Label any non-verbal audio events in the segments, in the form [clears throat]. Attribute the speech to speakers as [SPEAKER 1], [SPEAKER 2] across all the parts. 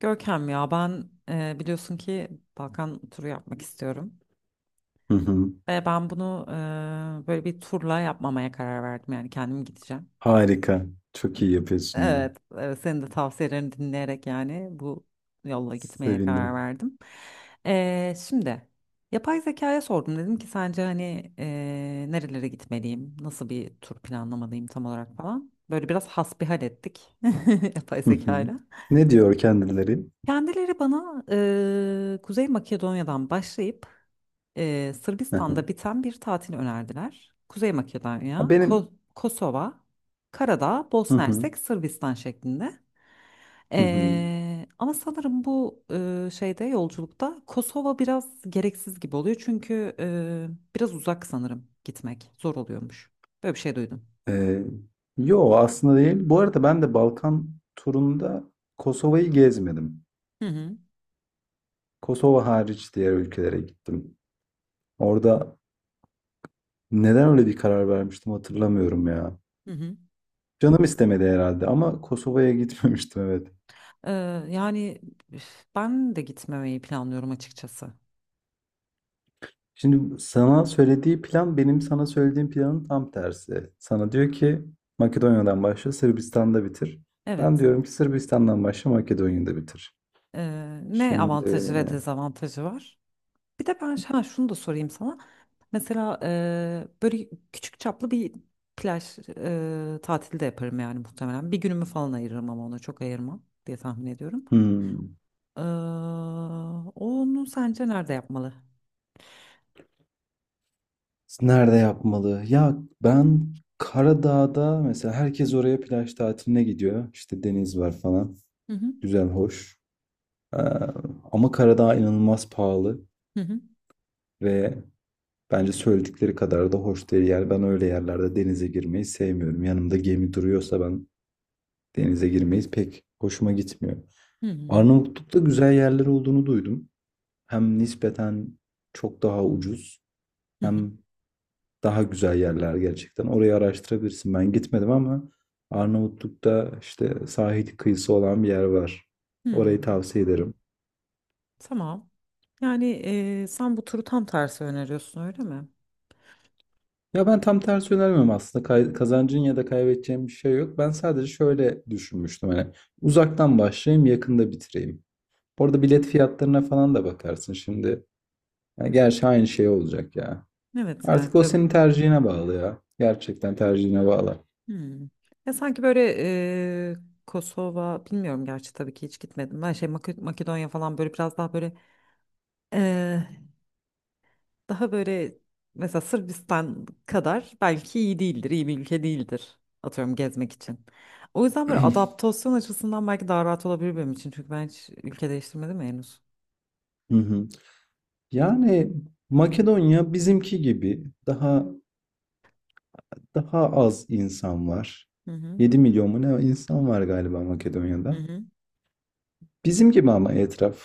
[SPEAKER 1] Görkem ya ben biliyorsun ki Balkan turu yapmak istiyorum.
[SPEAKER 2] Hı hı.
[SPEAKER 1] Ve ben bunu böyle bir turla yapmamaya karar verdim yani kendim gideceğim.
[SPEAKER 2] Harika. Çok iyi yapıyorsun ya.
[SPEAKER 1] Evet, evet senin de tavsiyelerini dinleyerek yani bu yolla gitmeye karar
[SPEAKER 2] Sevindim.
[SPEAKER 1] verdim. Şimdi yapay zekaya sordum dedim ki sence hani nerelere gitmeliyim, nasıl bir tur planlamalıyım tam olarak falan. Böyle biraz hasbihal ettik [laughs] yapay
[SPEAKER 2] Hı hı.
[SPEAKER 1] zekayla.
[SPEAKER 2] Ne diyor kendileri?
[SPEAKER 1] Kendileri bana Kuzey Makedonya'dan başlayıp
[SPEAKER 2] Hı hı.
[SPEAKER 1] Sırbistan'da biten bir tatil önerdiler. Kuzey
[SPEAKER 2] Ha,
[SPEAKER 1] Makedonya,
[SPEAKER 2] benim.
[SPEAKER 1] Kosova, Karadağ,
[SPEAKER 2] Hı
[SPEAKER 1] Bosna
[SPEAKER 2] hı.
[SPEAKER 1] Hersek, Sırbistan şeklinde.
[SPEAKER 2] Hı hı.
[SPEAKER 1] Ama sanırım bu şeyde yolculukta Kosova biraz gereksiz gibi oluyor. Çünkü biraz uzak sanırım gitmek zor oluyormuş. Böyle bir şey duydum.
[SPEAKER 2] Ee, Yo aslında değil. Bu arada ben de Balkan turunda Kosova'yı gezmedim.
[SPEAKER 1] Hı hı.
[SPEAKER 2] Kosova hariç diğer ülkelere gittim. Orada neden öyle bir karar vermiştim hatırlamıyorum ya.
[SPEAKER 1] Hı hı.
[SPEAKER 2] Canım istemedi herhalde ama Kosova'ya gitmemiştim, evet.
[SPEAKER 1] Ee, Yani üf, ben de gitmemeyi planlıyorum açıkçası.
[SPEAKER 2] Şimdi sana söylediği plan benim sana söylediğim planın tam tersi. Sana diyor ki Makedonya'dan başla, Sırbistan'da bitir. Ben
[SPEAKER 1] Evet.
[SPEAKER 2] diyorum ki Sırbistan'dan başla, Makedonya'da bitir.
[SPEAKER 1] Ne avantajı
[SPEAKER 2] Şimdi,
[SPEAKER 1] ve dezavantajı var? Bir de ben ha, şunu da sorayım sana. Mesela böyle küçük çaplı bir plaj tatili de yaparım yani muhtemelen. Bir günümü falan ayırırım ama ona çok ayırmam diye tahmin ediyorum.
[SPEAKER 2] hmm,
[SPEAKER 1] Eee, Onu sence nerede yapmalı?
[SPEAKER 2] nerede yapmalı? Ya ben, Karadağ'da mesela herkes oraya plaj tatiline gidiyor. İşte deniz var falan.
[SPEAKER 1] Hı hı,
[SPEAKER 2] Güzel, hoş. Ee, ama Karadağ inanılmaz pahalı
[SPEAKER 1] hı hı,
[SPEAKER 2] ve bence söyledikleri kadar da hoş değil. Yani ben öyle yerlerde denize girmeyi sevmiyorum. Yanımda gemi duruyorsa ben denize girmeyi pek hoşuma gitmiyor.
[SPEAKER 1] hı hı,
[SPEAKER 2] Arnavutluk'ta güzel yerler olduğunu duydum. Hem nispeten çok daha ucuz
[SPEAKER 1] hı hı,
[SPEAKER 2] hem daha güzel yerler gerçekten. Orayı araştırabilirsin. Ben gitmedim ama Arnavutluk'ta işte sahil kıyısı olan bir yer var.
[SPEAKER 1] hı.
[SPEAKER 2] Orayı tavsiye ederim.
[SPEAKER 1] Tamam. Yani sen bu turu tam tersi öneriyorsun öyle mi?
[SPEAKER 2] Ya ben tam tersi önermiyorum aslında. Kazancın ya da kaybedeceğin bir şey yok. Ben sadece şöyle düşünmüştüm, hani uzaktan başlayayım, yakında bitireyim. Orada bilet fiyatlarına falan da bakarsın şimdi. Yani gerçi aynı şey olacak ya.
[SPEAKER 1] Evet yani.
[SPEAKER 2] Artık o senin tercihine bağlı ya. Gerçekten tercihine bağlı.
[SPEAKER 1] Hmm. Ya sanki böyle Kosova bilmiyorum gerçi tabii ki hiç gitmedim. Ben şey Makedonya falan böyle biraz daha böyle eee, daha böyle mesela Sırbistan kadar belki iyi değildir, iyi bir ülke değildir atıyorum gezmek için. O yüzden böyle
[SPEAKER 2] [clears throat]
[SPEAKER 1] adaptasyon açısından belki daha rahat olabilir benim için. Çünkü ben hiç ülke değiştirmedim ya henüz.
[SPEAKER 2] Hı hı. Yani Makedonya bizimki gibi daha az insan var.
[SPEAKER 1] Hı hı.
[SPEAKER 2] 7 milyon mu ne insan var galiba
[SPEAKER 1] Hı
[SPEAKER 2] Makedonya'da.
[SPEAKER 1] hı.
[SPEAKER 2] Bizim gibi ama etraf.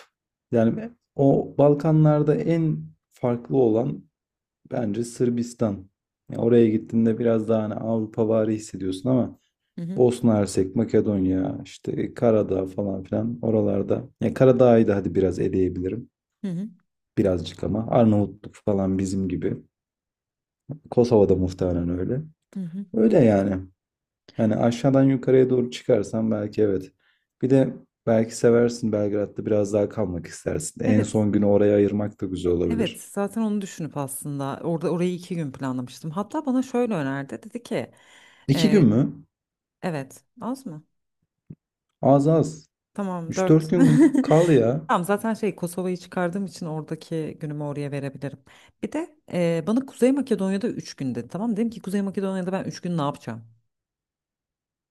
[SPEAKER 2] Yani o Balkanlarda en farklı olan bence Sırbistan. Ya oraya gittiğinde biraz daha hani Avrupavari hissediyorsun ama
[SPEAKER 1] Hı hı.
[SPEAKER 2] Bosna Hersek, Makedonya, işte Karadağ falan filan oralarda. Ya Karadağ'ı da hadi biraz eleyebilirim.
[SPEAKER 1] Hı hı.
[SPEAKER 2] Birazcık, ama Arnavutluk falan bizim gibi. Kosova'da muhtemelen öyle.
[SPEAKER 1] Hı hı.
[SPEAKER 2] Öyle yani. Yani aşağıdan yukarıya doğru çıkarsan, belki evet. Bir de belki seversin, Belgrad'da biraz daha kalmak istersin. En
[SPEAKER 1] Evet.
[SPEAKER 2] son günü oraya ayırmak da güzel
[SPEAKER 1] Evet,
[SPEAKER 2] olabilir.
[SPEAKER 1] zaten onu düşünüp aslında orada orayı 2 gün planlamıştım. Hatta bana şöyle önerdi. Dedi ki
[SPEAKER 2] İki gün mü?
[SPEAKER 1] evet. Az mı?
[SPEAKER 2] Az, az.
[SPEAKER 1] Tamam
[SPEAKER 2] Üç dört
[SPEAKER 1] 4.
[SPEAKER 2] gün kal
[SPEAKER 1] [laughs]
[SPEAKER 2] ya.
[SPEAKER 1] Tamam zaten şey Kosova'yı çıkardığım için oradaki günümü oraya verebilirim. Bir de bana Kuzey Makedonya'da 3 gün dedi. Tamam dedim ki Kuzey Makedonya'da ben 3 gün ne yapacağım?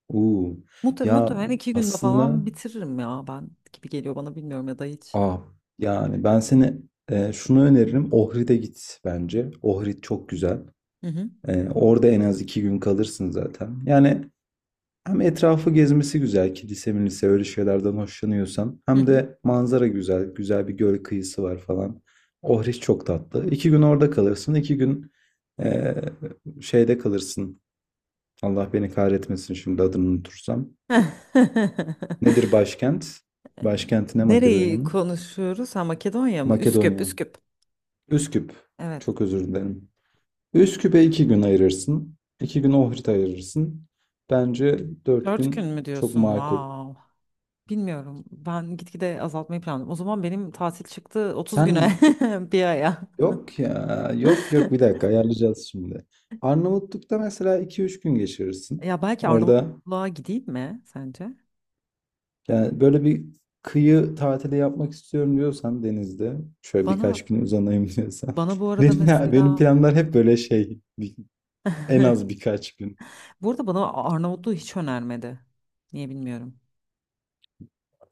[SPEAKER 2] Uu.
[SPEAKER 1] Muhtem
[SPEAKER 2] Ya
[SPEAKER 1] muhtemelen 2 günde
[SPEAKER 2] aslında,
[SPEAKER 1] falan bitiririm ya ben gibi geliyor bana bilmiyorum ya da hiç.
[SPEAKER 2] ah, yani ben seni, şunu öneririm. Ohrid'e git bence. Ohrid çok güzel.
[SPEAKER 1] Hı hı.
[SPEAKER 2] Orada en az 2 gün kalırsın zaten. Yani hem etrafı gezmesi güzel, kilise milise öyle şeylerden hoşlanıyorsan.
[SPEAKER 1] Hı
[SPEAKER 2] Hem
[SPEAKER 1] hı.
[SPEAKER 2] de manzara güzel. Güzel bir göl kıyısı var falan. Ohriş çok tatlı. 2 gün orada kalırsın. 2 gün eee, şeyde kalırsın. Allah beni kahretmesin şimdi adını unutursam. Nedir başkent?
[SPEAKER 1] [laughs]
[SPEAKER 2] Başkenti ne
[SPEAKER 1] Nereyi
[SPEAKER 2] Makedonya'nın?
[SPEAKER 1] konuşuyoruz? Ha Makedonya mı? Üsküp,
[SPEAKER 2] Makedonya.
[SPEAKER 1] Üsküp.
[SPEAKER 2] Üsküp.
[SPEAKER 1] Evet.
[SPEAKER 2] Çok özür dilerim. Üsküp'e 2 gün ayırırsın. 2 gün Ohrid'e ayırırsın. Bence dört
[SPEAKER 1] 4 gün
[SPEAKER 2] gün
[SPEAKER 1] mü
[SPEAKER 2] çok
[SPEAKER 1] diyorsun?
[SPEAKER 2] makul.
[SPEAKER 1] Wow. Bilmiyorum. Ben gitgide azaltmayı planladım. O zaman benim tatil çıktı
[SPEAKER 2] Sen,
[SPEAKER 1] 30 güne [laughs] bir aya.
[SPEAKER 2] yok ya. Yok yok, bir
[SPEAKER 1] [laughs]
[SPEAKER 2] dakika ayarlayacağız şimdi. Arnavutluk'ta mesela iki üç gün geçirirsin.
[SPEAKER 1] Ya belki
[SPEAKER 2] Orada
[SPEAKER 1] Arnavutluğa gideyim mi sence?
[SPEAKER 2] yani böyle bir kıyı tatili yapmak istiyorum diyorsan, denizde şöyle
[SPEAKER 1] Bana
[SPEAKER 2] birkaç gün uzanayım diyorsan. [laughs]
[SPEAKER 1] bana bu arada
[SPEAKER 2] Benim, benim
[SPEAKER 1] mesela
[SPEAKER 2] planlar hep böyle şey, en az
[SPEAKER 1] [laughs]
[SPEAKER 2] birkaç gün.
[SPEAKER 1] bu arada bana Arnavutluğu hiç önermedi. Niye bilmiyorum.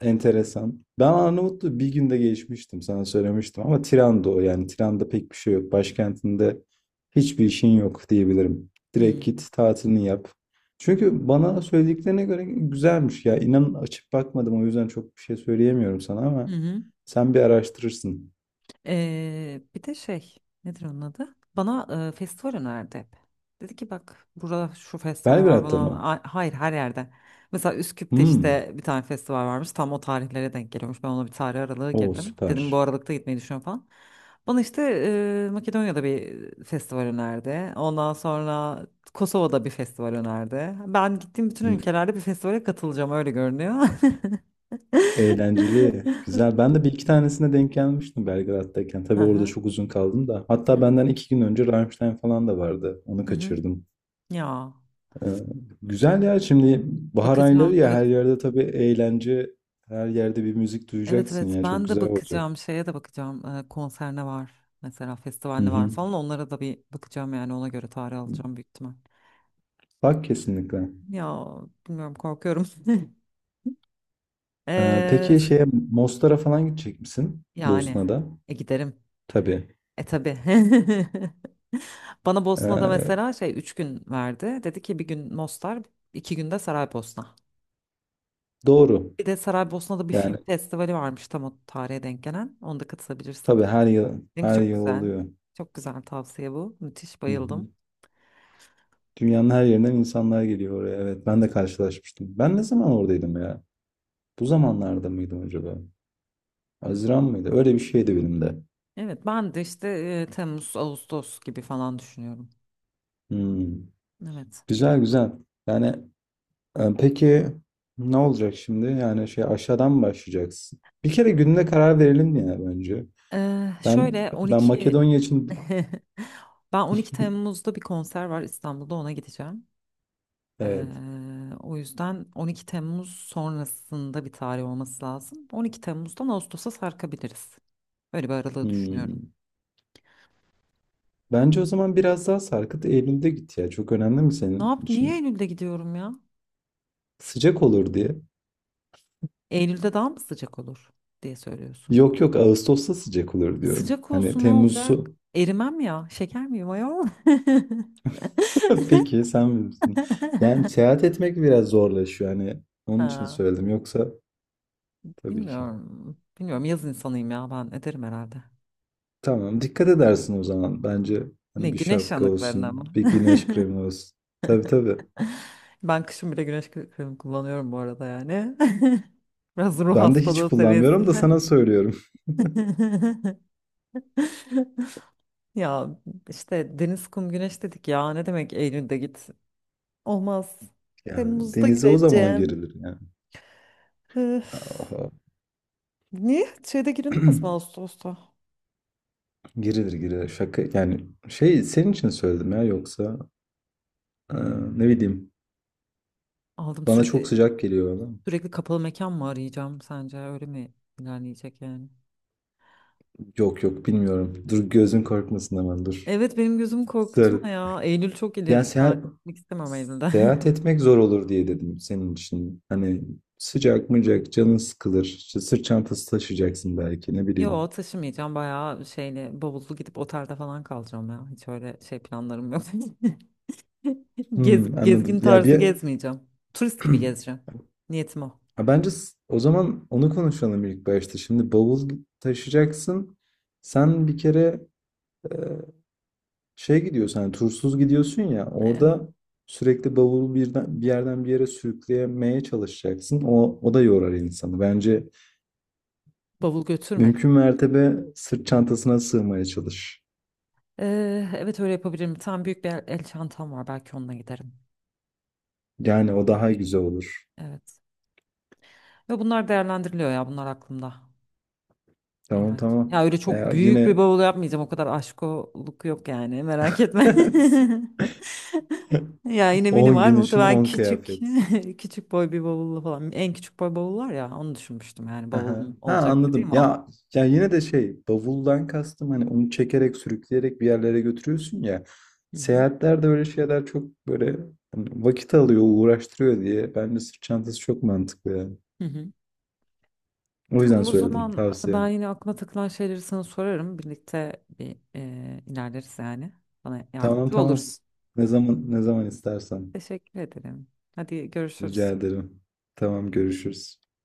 [SPEAKER 2] Enteresan. Ben Arnavutluğu bir günde geçmiştim sana söylemiştim ama Tiran'da, o yani Tiran'da pek bir şey yok. Başkentinde hiçbir işin yok diyebilirim. Direkt
[SPEAKER 1] Hmm.
[SPEAKER 2] git tatilini yap. Çünkü bana söylediklerine göre güzelmiş ya. İnan, açıp bakmadım o yüzden çok bir şey söyleyemiyorum sana
[SPEAKER 1] Hı
[SPEAKER 2] ama
[SPEAKER 1] hı.
[SPEAKER 2] sen bir araştırırsın.
[SPEAKER 1] Bir de şey nedir onun adı? Bana festival önerdi hep. Dedi ki bak burada şu festival var
[SPEAKER 2] Belgrad'da
[SPEAKER 1] bunu.
[SPEAKER 2] mı?
[SPEAKER 1] Hayır, her yerde. Mesela Üsküp'te
[SPEAKER 2] Hmm.
[SPEAKER 1] işte bir tane festival varmış tam o tarihlere denk geliyormuş. Ben ona bir tarih aralığı
[SPEAKER 2] O
[SPEAKER 1] girdim. Dedim bu
[SPEAKER 2] süper.
[SPEAKER 1] aralıkta gitmeyi düşünüyorum falan. Bana işte Makedonya'da bir festival önerdi. Ondan sonra Kosova'da bir festival önerdi. Ben gittiğim bütün
[SPEAKER 2] Hmm.
[SPEAKER 1] ülkelerde bir festivale katılacağım öyle görünüyor. [laughs]
[SPEAKER 2] Eğlenceli. Güzel. Ben de bir iki tanesine denk gelmiştim Belgrad'dayken.
[SPEAKER 1] Hı
[SPEAKER 2] Tabii orada
[SPEAKER 1] hı.
[SPEAKER 2] çok uzun kaldım da.
[SPEAKER 1] Hı
[SPEAKER 2] Hatta
[SPEAKER 1] hı.
[SPEAKER 2] benden 2 gün önce Rammstein falan da vardı. Onu
[SPEAKER 1] Hı hı.
[SPEAKER 2] kaçırdım.
[SPEAKER 1] Ya.
[SPEAKER 2] Ee, güzel ya. Şimdi bahar ayları
[SPEAKER 1] Bakacağım.
[SPEAKER 2] ya,
[SPEAKER 1] Evet.
[SPEAKER 2] her yerde tabii eğlence. Her yerde bir müzik
[SPEAKER 1] Evet
[SPEAKER 2] duyacaksın
[SPEAKER 1] evet.
[SPEAKER 2] ya. Çok
[SPEAKER 1] Ben de
[SPEAKER 2] güzel olacak.
[SPEAKER 1] bakacağım. Şeye de bakacağım. Konser ne var? Mesela festival
[SPEAKER 2] Hı
[SPEAKER 1] ne var
[SPEAKER 2] hı.
[SPEAKER 1] falan. Onlara da bir bakacağım yani. Ona göre tarih alacağım büyük ihtimal.
[SPEAKER 2] Bak, kesinlikle.
[SPEAKER 1] Ya bilmiyorum korkuyorum. [laughs] Ee,
[SPEAKER 2] Peki,
[SPEAKER 1] s-
[SPEAKER 2] şeye Mostar'a falan gidecek misin?
[SPEAKER 1] Yani
[SPEAKER 2] Bosna'da.
[SPEAKER 1] giderim.
[SPEAKER 2] Tabii.
[SPEAKER 1] E tabii. [laughs] Bana Bosna'da
[SPEAKER 2] Ee,
[SPEAKER 1] mesela şey 3 gün verdi. Dedi ki bir gün Mostar, 2 günde Saraybosna.
[SPEAKER 2] doğru.
[SPEAKER 1] Bir de Saraybosna'da bir film
[SPEAKER 2] Yani
[SPEAKER 1] festivali varmış tam o tarihe denk gelen. Onda katılabilirsin.
[SPEAKER 2] tabii, her yıl
[SPEAKER 1] Link
[SPEAKER 2] her
[SPEAKER 1] çok
[SPEAKER 2] yıl
[SPEAKER 1] güzel.
[SPEAKER 2] oluyor.
[SPEAKER 1] Çok güzel tavsiye bu. Müthiş
[SPEAKER 2] Hı hı.
[SPEAKER 1] bayıldım.
[SPEAKER 2] Dünyanın her yerinden insanlar geliyor oraya. Evet, ben de karşılaşmıştım. Ben ne zaman oradaydım ya? Bu zamanlarda mıydım acaba? Haziran mıydı? Öyle bir şeydi benim de.
[SPEAKER 1] Evet ben de işte Temmuz, Ağustos gibi falan düşünüyorum.
[SPEAKER 2] Hmm.
[SPEAKER 1] Evet.
[SPEAKER 2] Güzel, güzel. Yani, peki ne olacak şimdi? Yani şey, aşağıdan mı başlayacaksın? Bir kere gününe karar verelim ya bence. Ben
[SPEAKER 1] Şöyle
[SPEAKER 2] ben
[SPEAKER 1] 12
[SPEAKER 2] Makedonya
[SPEAKER 1] [laughs]
[SPEAKER 2] için,
[SPEAKER 1] ben 12
[SPEAKER 2] [laughs]
[SPEAKER 1] Temmuz'da bir konser var İstanbul'da ona gideceğim. Ee,
[SPEAKER 2] evet.
[SPEAKER 1] O yüzden 12 Temmuz sonrasında bir tarih olması lazım. 12 Temmuz'dan Ağustos'a sarkabiliriz. Böyle bir aralığı düşünüyorum.
[SPEAKER 2] Hmm. Bence o zaman biraz daha sarkıt, Eylül'de git ya. Çok önemli mi
[SPEAKER 1] Ne
[SPEAKER 2] senin
[SPEAKER 1] yap? Niye
[SPEAKER 2] için?
[SPEAKER 1] Eylül'de gidiyorum ya?
[SPEAKER 2] Sıcak olur diye.
[SPEAKER 1] Eylül'de daha mı sıcak olur diye söylüyorsun.
[SPEAKER 2] Yok yok, Ağustos'ta sıcak olur diyorum.
[SPEAKER 1] Sıcak
[SPEAKER 2] Hani
[SPEAKER 1] olsun ne olacak?
[SPEAKER 2] Temmuz'u.
[SPEAKER 1] Erimem ya. Şeker miyim ayol? [laughs]
[SPEAKER 2] [laughs] Peki sen bilirsin. Yani seyahat etmek biraz zorlaşıyor. Hani onun için
[SPEAKER 1] Ha,
[SPEAKER 2] söyledim. Yoksa tabii ki.
[SPEAKER 1] bilmiyorum. Bilmiyorum yaz insanıyım ya ben ederim herhalde.
[SPEAKER 2] Tamam, dikkat edersin o zaman. Bence
[SPEAKER 1] Ne
[SPEAKER 2] hani bir
[SPEAKER 1] güneş
[SPEAKER 2] şapka
[SPEAKER 1] yanıklarına mı?
[SPEAKER 2] olsun, bir güneş
[SPEAKER 1] [laughs]
[SPEAKER 2] kremi olsun. Tabii tabii.
[SPEAKER 1] Ben kışın bile güneş kremi kullanıyorum bu arada yani. [laughs] Biraz ruh
[SPEAKER 2] Ben de hiç
[SPEAKER 1] hastalığı
[SPEAKER 2] kullanmıyorum da
[SPEAKER 1] seviyesinde.
[SPEAKER 2] sana söylüyorum. [laughs]
[SPEAKER 1] [laughs] Ya işte deniz, kum, güneş dedik ya. Ne demek Eylül'de git? Olmaz.
[SPEAKER 2] Yani
[SPEAKER 1] Temmuz'da
[SPEAKER 2] denize o zaman
[SPEAKER 1] gideceğim.
[SPEAKER 2] girilir yani.
[SPEAKER 1] Öf.
[SPEAKER 2] Aha.
[SPEAKER 1] Niye? Şeyde girilmez mi
[SPEAKER 2] [clears throat]
[SPEAKER 1] Ağustos'ta?
[SPEAKER 2] Girilir, girilir. Şaka yani şey, senin için söyledim ya yoksa, e, ne bileyim,
[SPEAKER 1] Aldım
[SPEAKER 2] bana çok
[SPEAKER 1] sürekli
[SPEAKER 2] sıcak geliyor.
[SPEAKER 1] sürekli kapalı mekan mı arayacağım sence öyle mi ilerleyecek yani?
[SPEAKER 2] Yok yok, bilmiyorum. Dur, gözün korkmasın ama dur.
[SPEAKER 1] Evet benim gözüm
[SPEAKER 2] Söyle.
[SPEAKER 1] korkutma ya. Eylül çok
[SPEAKER 2] Ya
[SPEAKER 1] ileri bir tarih.
[SPEAKER 2] seyahat,
[SPEAKER 1] Gitmek istemem Eylül'de.
[SPEAKER 2] seyahat etmek zor olur diye dedim senin için. Hani sıcak mıcak canın sıkılır. İşte sırt çantası taşıyacaksın belki ne
[SPEAKER 1] [laughs]
[SPEAKER 2] bileyim.
[SPEAKER 1] Yo taşımayacağım bayağı şeyle bavullu gidip otelde falan kalacağım ya. Hiç öyle şey planlarım yok. [laughs]
[SPEAKER 2] Hmm, anladım.
[SPEAKER 1] Gezgin
[SPEAKER 2] Ya
[SPEAKER 1] tarzı
[SPEAKER 2] bir
[SPEAKER 1] gezmeyeceğim. Turist gibi gezeceğim.
[SPEAKER 2] [clears throat]
[SPEAKER 1] Niyetim o.
[SPEAKER 2] Ha, bence, o zaman onu konuşalım ilk başta. Şimdi bavul taşıyacaksın. Sen bir kere, şey gidiyorsun hani, tursuz gidiyorsun ya,
[SPEAKER 1] Evet.
[SPEAKER 2] orada sürekli bavulu birden, bir yerden bir yere sürükleyemeye çalışacaksın. O, o da yorar insanı. Bence
[SPEAKER 1] Bavul götürme.
[SPEAKER 2] mümkün mertebe sırt çantasına sığmaya çalış.
[SPEAKER 1] Evet öyle yapabilirim. Tam büyük bir el çantam var. Belki onunla giderim.
[SPEAKER 2] Yani o daha güzel olur.
[SPEAKER 1] Evet. Ve bunlar değerlendiriliyor ya bunlar aklımda.
[SPEAKER 2] Tamam
[SPEAKER 1] İnan ki.
[SPEAKER 2] tamam.
[SPEAKER 1] Ya öyle çok büyük
[SPEAKER 2] Yine
[SPEAKER 1] bir bavul yapmayacağım. O kadar aşkoluk yok yani merak etme. [laughs] Ya yine
[SPEAKER 2] [laughs] 10
[SPEAKER 1] minimal
[SPEAKER 2] gün için
[SPEAKER 1] muhtemelen
[SPEAKER 2] 10
[SPEAKER 1] küçük
[SPEAKER 2] kıyafet.
[SPEAKER 1] [laughs] küçük boy bir bavullu falan. En küçük boy bavul var ya onu düşünmüştüm yani
[SPEAKER 2] Hı,
[SPEAKER 1] bavul
[SPEAKER 2] ha,
[SPEAKER 1] olacaktı değil
[SPEAKER 2] anladım.
[SPEAKER 1] mi o?
[SPEAKER 2] Ya ya yine de şey bavuldan kastım hani onu çekerek sürükleyerek bir yerlere götürüyorsun ya.
[SPEAKER 1] Hı hı.
[SPEAKER 2] Seyahatlerde öyle şeyler çok böyle hani vakit alıyor, uğraştırıyor diye. Bence sırt çantası çok mantıklı yani.
[SPEAKER 1] Hı hı.
[SPEAKER 2] O yüzden
[SPEAKER 1] Tamam o
[SPEAKER 2] söyledim,
[SPEAKER 1] zaman
[SPEAKER 2] tavsiye.
[SPEAKER 1] ben yine aklıma takılan şeyleri sana sorarım. Birlikte bir ilerleriz yani. Bana
[SPEAKER 2] Tamam
[SPEAKER 1] yardımcı
[SPEAKER 2] tamam.
[SPEAKER 1] olursun.
[SPEAKER 2] Ne zaman ne zaman istersen.
[SPEAKER 1] Teşekkür ederim. Hadi görüşürüz.
[SPEAKER 2] Rica ederim. Tamam, görüşürüz.